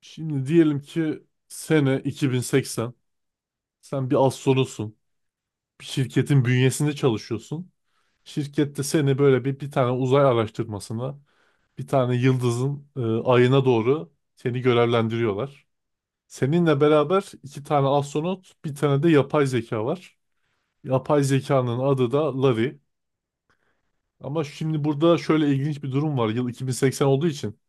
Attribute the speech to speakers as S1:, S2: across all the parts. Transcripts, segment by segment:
S1: Şimdi diyelim ki sene 2080. Sen bir astronotsun. Bir şirketin bünyesinde çalışıyorsun. Şirkette seni böyle bir tane uzay araştırmasına, bir tane yıldızın ayına doğru seni görevlendiriyorlar. Seninle beraber iki tane astronot, bir tane de yapay zeka var. Yapay zekanın adı da Larry. Ama şimdi burada şöyle ilginç bir durum var. Yıl 2080 olduğu için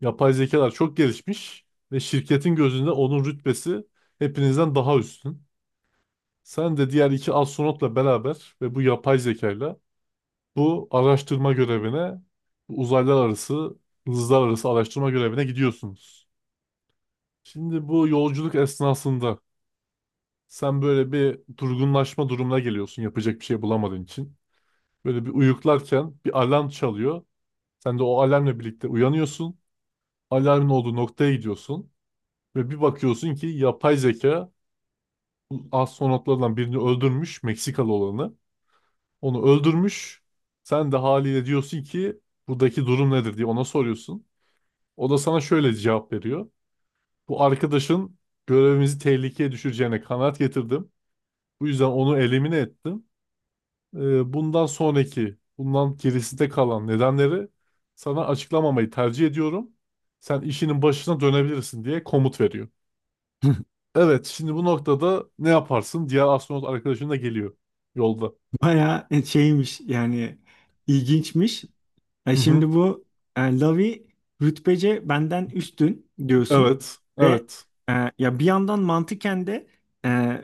S1: yapay zekalar çok gelişmiş ve şirketin gözünde onun rütbesi hepinizden daha üstün. Sen de diğer iki astronotla beraber ve bu yapay zekayla bu araştırma görevine, bu uzaylar arası, hızlar arası araştırma görevine gidiyorsunuz. Şimdi bu yolculuk esnasında sen böyle bir durgunlaşma durumuna geliyorsun yapacak bir şey bulamadığın için. Böyle bir uyuklarken bir alarm çalıyor. Sen de o alarmla birlikte uyanıyorsun. Alarmın olduğu noktaya gidiyorsun. Ve bir bakıyorsun ki yapay zeka bu astronotlardan birini öldürmüş, Meksikalı olanı. Onu öldürmüş. Sen de haliyle diyorsun ki buradaki durum nedir diye ona soruyorsun. O da sana şöyle cevap veriyor. Bu arkadaşın görevimizi tehlikeye düşüreceğine kanaat getirdim. Bu yüzden onu elimine ettim. Bundan gerisinde kalan nedenleri sana açıklamamayı tercih ediyorum. Sen işinin başına dönebilirsin diye komut veriyor. Evet, şimdi bu noktada ne yaparsın? Diğer astronot arkadaşın da geliyor yolda.
S2: Bayağı şeymiş yani ilginçmiş. E
S1: Hı hı.
S2: şimdi bu Lavi rütbece benden üstün diyorsun
S1: Evet,
S2: ve
S1: evet.
S2: e, ya bir yandan mantıken de e,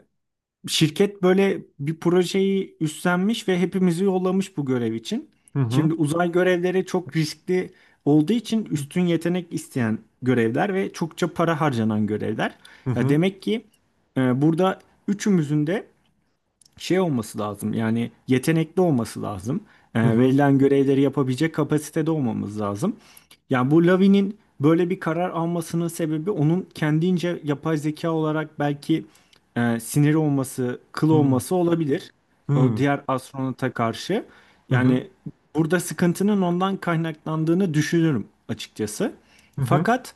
S2: şirket böyle bir projeyi üstlenmiş ve hepimizi yollamış bu görev için.
S1: Hı hı.
S2: Şimdi uzay görevleri çok riskli olduğu için üstün yetenek isteyen görevler ve çokça para harcanan görevler.
S1: Hı
S2: Ya
S1: hı.
S2: demek ki burada üçümüzün de şey olması lazım yani yetenekli olması lazım. E,
S1: Hı hı.
S2: verilen görevleri yapabilecek kapasitede olmamız lazım. Yani bu Lavi'nin böyle bir karar almasının sebebi onun kendince yapay zeka olarak belki siniri olması, kıl
S1: Hı
S2: olması olabilir. O
S1: hı
S2: diğer astronota karşı.
S1: hı hı
S2: Yani burada sıkıntının ondan kaynaklandığını düşünürüm açıkçası.
S1: hı hı
S2: Fakat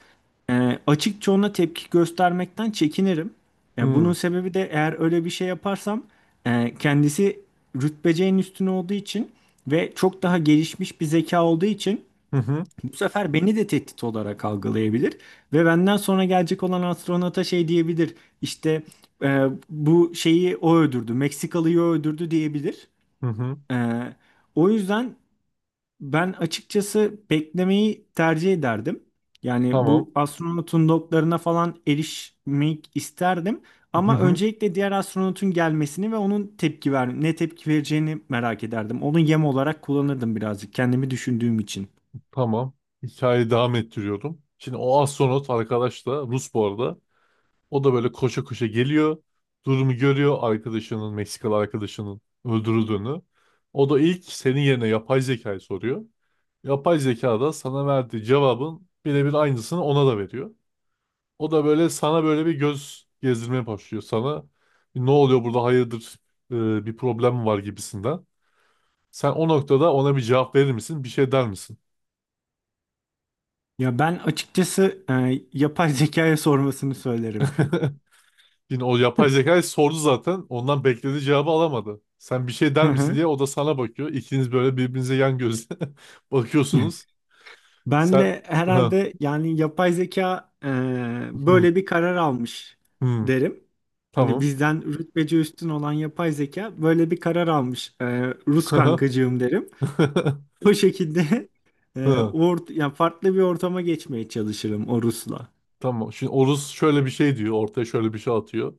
S2: açıkça ona tepki göstermekten çekinirim. E, bunun
S1: hı
S2: sebebi de eğer öyle bir şey yaparsam kendisi rütbeceğin üstüne olduğu için ve çok daha gelişmiş bir zeka olduğu için
S1: hı hı
S2: bu sefer beni de tehdit olarak algılayabilir ve benden sonra gelecek olan astronota şey diyebilir. İşte bu şeyi o öldürdü, Meksikalıyı o öldürdü diyebilir.
S1: hı hı.
S2: E, o yüzden ben açıkçası beklemeyi tercih ederdim. Yani
S1: Tamam.
S2: bu astronotun loglarına falan erişmek isterdim.
S1: Hı
S2: Ama
S1: hı.
S2: öncelikle diğer astronotun gelmesini ve onun ne tepki vereceğini merak ederdim. Onu yem olarak kullanırdım birazcık kendimi düşündüğüm için.
S1: Tamam. Hikayeyi devam ettiriyordum. Şimdi o astronot arkadaş da Rus bu arada. O da böyle koşa koşa geliyor. Durumu görüyor arkadaşının, Meksikalı arkadaşının öldürüldüğünü. O da ilk senin yerine yapay zekayı soruyor. Yapay zeka da sana verdiği cevabın birebir aynısını ona da veriyor. O da böyle sana böyle bir göz gezdirmeye başlıyor sana. Ne oluyor burada hayırdır, bir problem mi var gibisinden. Sen o noktada ona bir cevap verir misin? Bir şey der misin?
S2: Ya ben açıkçası yapay zekaya sormasını söylerim.
S1: Yine o yapay zekayı sordu zaten. Ondan beklediği cevabı alamadı. Sen bir şey
S2: Hı
S1: der misin
S2: hı.
S1: diye o da sana bakıyor. İkiniz böyle birbirinize yan gözle bakıyorsunuz.
S2: Ben
S1: Sen
S2: de
S1: Hı,
S2: herhalde yani yapay zeka
S1: hı,
S2: böyle bir karar almış
S1: hı,
S2: derim. Hani
S1: tamam.
S2: bizden rütbeci üstün olan yapay zeka böyle bir karar almış. E, Rus kankacığım derim. O şekilde e,
S1: Hı,
S2: ort ya farklı bir ortama geçmeye çalışırım o Rus'la.
S1: tamam. Şimdi Oruz şöyle bir şey diyor. Ortaya şöyle bir şey atıyor.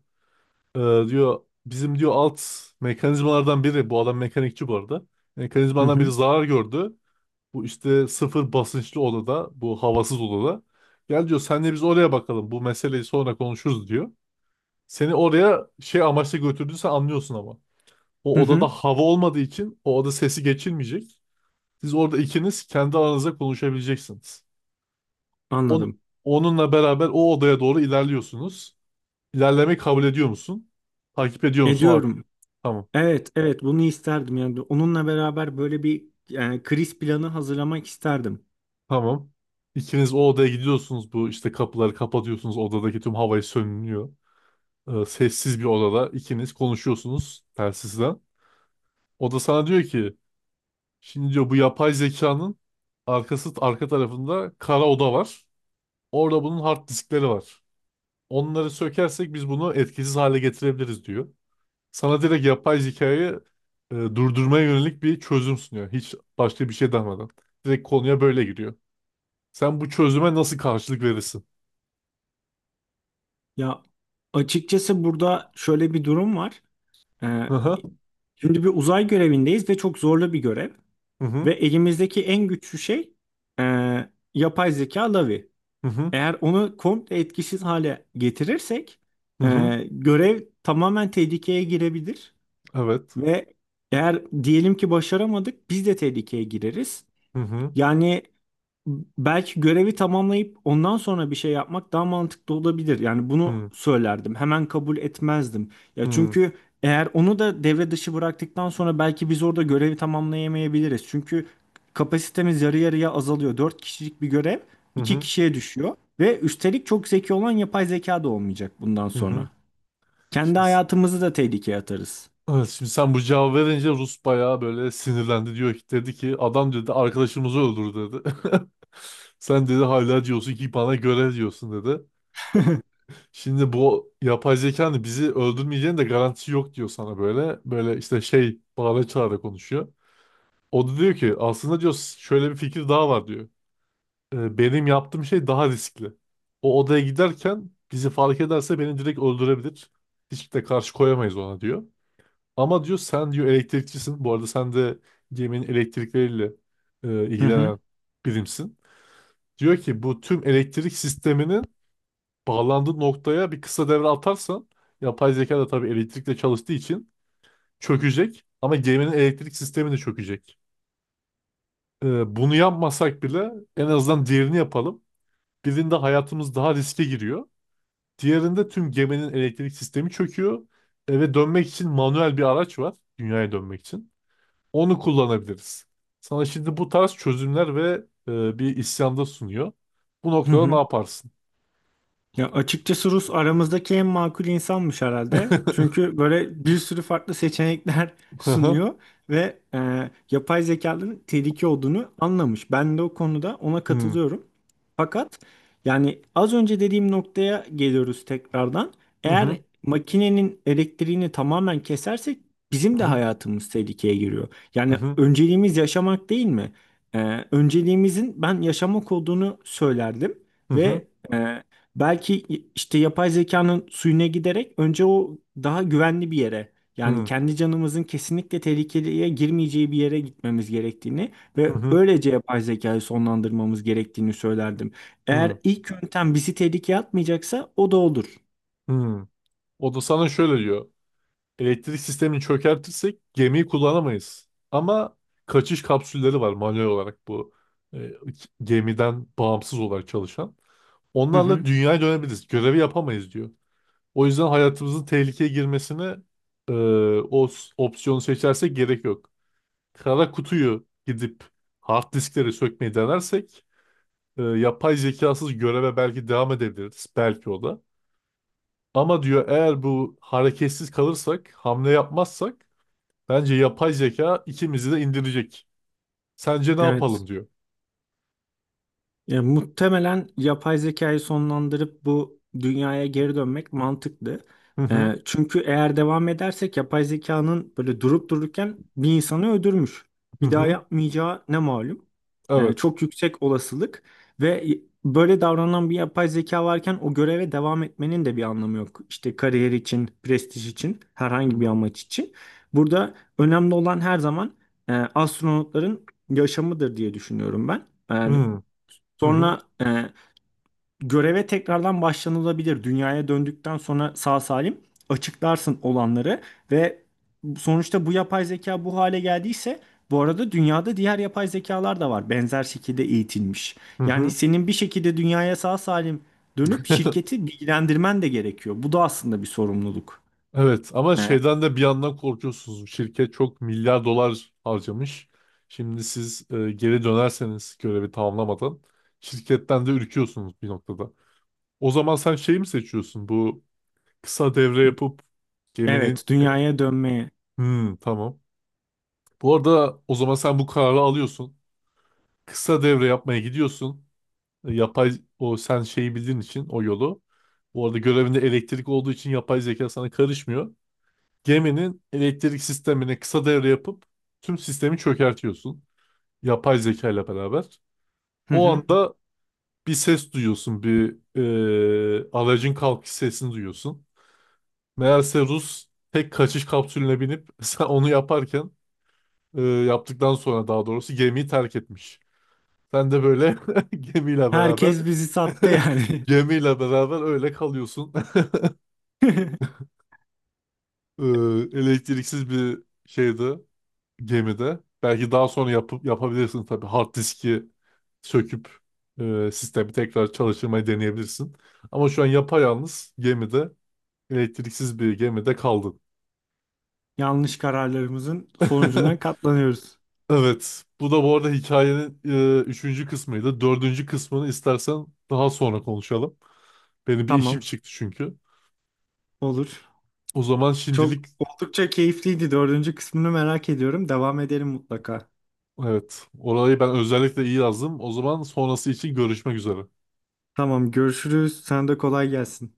S1: Ee, Diyor bizim diyor alt mekanizmalardan biri, bu adam mekanikçi bu arada.
S2: Hı
S1: Mekanizmalardan biri
S2: hı.
S1: zarar gördü. Bu işte sıfır basınçlı odada, bu havasız odada. Gel diyor senle biz oraya bakalım bu meseleyi sonra konuşuruz diyor. Seni oraya şey amaçla götürdüğünü sen anlıyorsun ama.
S2: Hı
S1: O odada
S2: hı.
S1: hava olmadığı için o oda sesi geçilmeyecek. Siz orada ikiniz kendi aranızda konuşabileceksiniz. On-
S2: Anladım.
S1: Onunla beraber o odaya doğru ilerliyorsunuz. İlerlemeyi kabul ediyor musun? Takip ediyor musun?
S2: Ediyorum.
S1: Tamam.
S2: Evet, evet bunu isterdim yani onunla beraber böyle bir yani kriz planı hazırlamak isterdim.
S1: Tamam. İkiniz o odaya gidiyorsunuz. Bu işte kapıları kapatıyorsunuz. Odadaki tüm havayı sönülüyor. Sessiz bir odada ikiniz konuşuyorsunuz telsizden. O da sana diyor ki şimdi diyor bu yapay zekanın arka tarafında kara oda var. Orada bunun hard diskleri var. Onları sökersek biz bunu etkisiz hale getirebiliriz diyor. Sana direkt yapay zekayı durdurmaya yönelik bir çözüm sunuyor. Hiç başka bir şey demeden. Direkt konuya böyle giriyor. Sen bu çözüme nasıl karşılık verirsin?
S2: Ya açıkçası burada şöyle bir durum var. Ee, Şimdi bir uzay görevindeyiz ve çok zorlu bir görev
S1: Hı
S2: ve
S1: hı
S2: elimizdeki en güçlü şey e, yapay zeka Lavi.
S1: hı hı
S2: Eğer onu komple etkisiz hale getirirsek
S1: hı
S2: e,
S1: hı.
S2: görev tamamen tehlikeye girebilir
S1: Evet.
S2: ve eğer diyelim ki başaramadık biz de tehlikeye gireriz.
S1: Hı hı
S2: Yani belki görevi tamamlayıp ondan sonra bir şey yapmak daha mantıklı olabilir. Yani bunu
S1: hı
S2: söylerdim. Hemen kabul etmezdim.
S1: hı
S2: Ya
S1: hı
S2: çünkü eğer onu da devre dışı bıraktıktan sonra belki biz orada görevi tamamlayamayabiliriz. Çünkü kapasitemiz yarı yarıya azalıyor. 4 kişilik bir görev 2
S1: hı
S2: kişiye düşüyor ve üstelik çok zeki olan yapay zeka da olmayacak bundan
S1: hı. Hı.
S2: sonra. Kendi
S1: Şimdi,
S2: hayatımızı da tehlikeye atarız.
S1: evet, şimdi sen bu cevabı verince Rus bayağı böyle sinirlendi, diyor ki, dedi ki adam, dedi arkadaşımızı öldür dedi. Sen dedi hala diyorsun ki bana göre diyorsun dedi. Şimdi bu yapay zekanın bizi öldürmeyeceğinin de garantisi yok diyor sana böyle. Böyle işte şey bağıra çağıra konuşuyor. O da diyor ki aslında diyor şöyle bir fikir daha var diyor. Benim yaptığım şey daha riskli. O odaya giderken bizi fark ederse beni direkt öldürebilir. Hiç de karşı koyamayız ona diyor. Ama diyor sen diyor elektrikçisin. Bu arada sen de geminin elektrikleriyle
S2: Hı hı.
S1: ilgilenen birimsin. Diyor ki bu tüm elektrik sisteminin bağlandığı noktaya bir kısa devre atarsan, yapay zeka da tabii elektrikle çalıştığı için çökecek, ama geminin elektrik sistemi de çökecek. Bunu yapmasak bile en azından diğerini yapalım. Birinde hayatımız daha riske giriyor. Diğerinde tüm geminin elektrik sistemi çöküyor. Eve dönmek için manuel bir araç var. Dünyaya dönmek için. Onu kullanabiliriz. Sana şimdi bu tarz çözümler ve bir isyanda sunuyor. Bu
S2: Hı
S1: noktada ne
S2: hı.
S1: yaparsın?
S2: Ya açıkçası Rus aramızdaki en makul insanmış herhalde. Çünkü böyle bir sürü farklı seçenekler
S1: Hı hı.
S2: sunuyor ve yapay zekanın tehlike olduğunu anlamış. Ben de o konuda ona
S1: Hı
S2: katılıyorum. Fakat yani az önce dediğim noktaya geliyoruz tekrardan.
S1: hı.
S2: Eğer makinenin elektriğini tamamen kesersek bizim
S1: Hı
S2: de
S1: hı.
S2: hayatımız tehlikeye giriyor.
S1: Hı
S2: Yani
S1: hı.
S2: önceliğimiz yaşamak değil mi? E, önceliğimizin ben yaşamak olduğunu söylerdim
S1: Hı hı.
S2: ve e, belki işte yapay zekanın suyuna giderek önce o daha güvenli bir yere yani
S1: Hı
S2: kendi canımızın kesinlikle tehlikeye girmeyeceği bir yere gitmemiz gerektiğini ve
S1: hı.
S2: öylece yapay zekayı sonlandırmamız gerektiğini söylerdim. Eğer ilk yöntem bizi tehlikeye atmayacaksa o da olur.
S1: Hı hı. O da sana şöyle diyor. Elektrik sistemini çökertirsek gemiyi kullanamayız. Ama kaçış kapsülleri var manuel olarak, bu e, gemiden bağımsız olarak çalışan.
S2: Hı
S1: Onlarla
S2: hı.
S1: dünyaya dönebiliriz. Görevi yapamayız diyor. O yüzden hayatımızın tehlikeye girmesine, e, opsiyonu seçersek gerek yok. Kara kutuyu gidip hard diskleri sökmeyi denersek yapay zekasız göreve belki devam edebiliriz. Belki o da. Ama diyor eğer bu hareketsiz kalırsak, hamle yapmazsak bence yapay zeka ikimizi de indirecek. Sence ne yapalım
S2: Evet.
S1: diyor.
S2: Ya, muhtemelen yapay zekayı sonlandırıp bu dünyaya geri dönmek mantıklı.
S1: Hı hı.
S2: Çünkü eğer devam edersek yapay zekanın böyle durup dururken bir insanı öldürmüş.
S1: Hı
S2: Bir daha
S1: hı.
S2: yapmayacağı ne malum.
S1: Evet.
S2: Çok yüksek olasılık ve böyle davranan bir yapay zeka varken o göreve devam etmenin de bir anlamı yok. İşte kariyer için, prestij için,
S1: Hı
S2: herhangi bir
S1: hı.
S2: amaç için. Burada önemli olan her zaman astronotların yaşamıdır diye düşünüyorum ben.
S1: Hı
S2: Yani
S1: hı. Hı
S2: sonra göreve tekrardan başlanılabilir. Dünyaya döndükten sonra sağ salim açıklarsın olanları ve sonuçta bu yapay zeka bu hale geldiyse bu arada dünyada diğer yapay zekalar da var. Benzer şekilde eğitilmiş. Yani
S1: hı.
S2: senin bir şekilde dünyaya sağ salim dönüp
S1: Hı hı.
S2: şirketi bilgilendirmen de gerekiyor. Bu da aslında bir sorumluluk.
S1: Evet, ama
S2: E,
S1: şeyden de bir yandan korkuyorsunuz. Şirket çok milyar dolar harcamış. Şimdi siz geri dönerseniz görevi tamamlamadan şirketten de ürküyorsunuz bir noktada. O zaman sen şeyi mi seçiyorsun? Bu kısa devre yapıp geminin...
S2: evet, dünyaya dönmeye.
S1: Hmm, tamam. Bu arada o zaman sen bu kararı alıyorsun. Kısa devre yapmaya gidiyorsun. E, Yapay o sen şeyi bildiğin için o yolu. Bu arada görevinde elektrik olduğu için yapay zeka sana karışmıyor. Geminin elektrik sistemine kısa devre yapıp tüm sistemi çökertiyorsun. Yapay zeka ile beraber.
S2: Hı
S1: O
S2: hı.
S1: anda bir ses duyuyorsun. Bir aracın kalkış sesini duyuyorsun. Meğerse Rus tek kaçış kapsülüne binip sen onu yaparken yaptıktan sonra daha doğrusu gemiyi terk etmiş. Sen de böyle gemiyle beraber
S2: Herkes bizi sattı yani.
S1: gemiyle beraber öyle kalıyorsun. E, Elektriksiz bir şeydi gemide. Belki daha sonra yapıp yapabilirsin tabii. Hard diski söküp sistemi tekrar çalıştırmayı deneyebilirsin. Ama şu an yapayalnız gemide, elektriksiz bir gemide kaldın.
S2: Yanlış kararlarımızın sonucuna katlanıyoruz.
S1: Evet. Bu da bu arada hikayenin üçüncü kısmıydı. Dördüncü kısmını istersen daha sonra konuşalım. Benim bir işim
S2: Tamam.
S1: çıktı çünkü.
S2: Olur.
S1: O zaman
S2: Çok
S1: şimdilik
S2: oldukça keyifliydi. Dördüncü kısmını merak ediyorum. Devam edelim mutlaka.
S1: evet. Orayı ben özellikle iyi yazdım. O zaman sonrası için görüşmek üzere.
S2: Tamam, görüşürüz. Sen de kolay gelsin.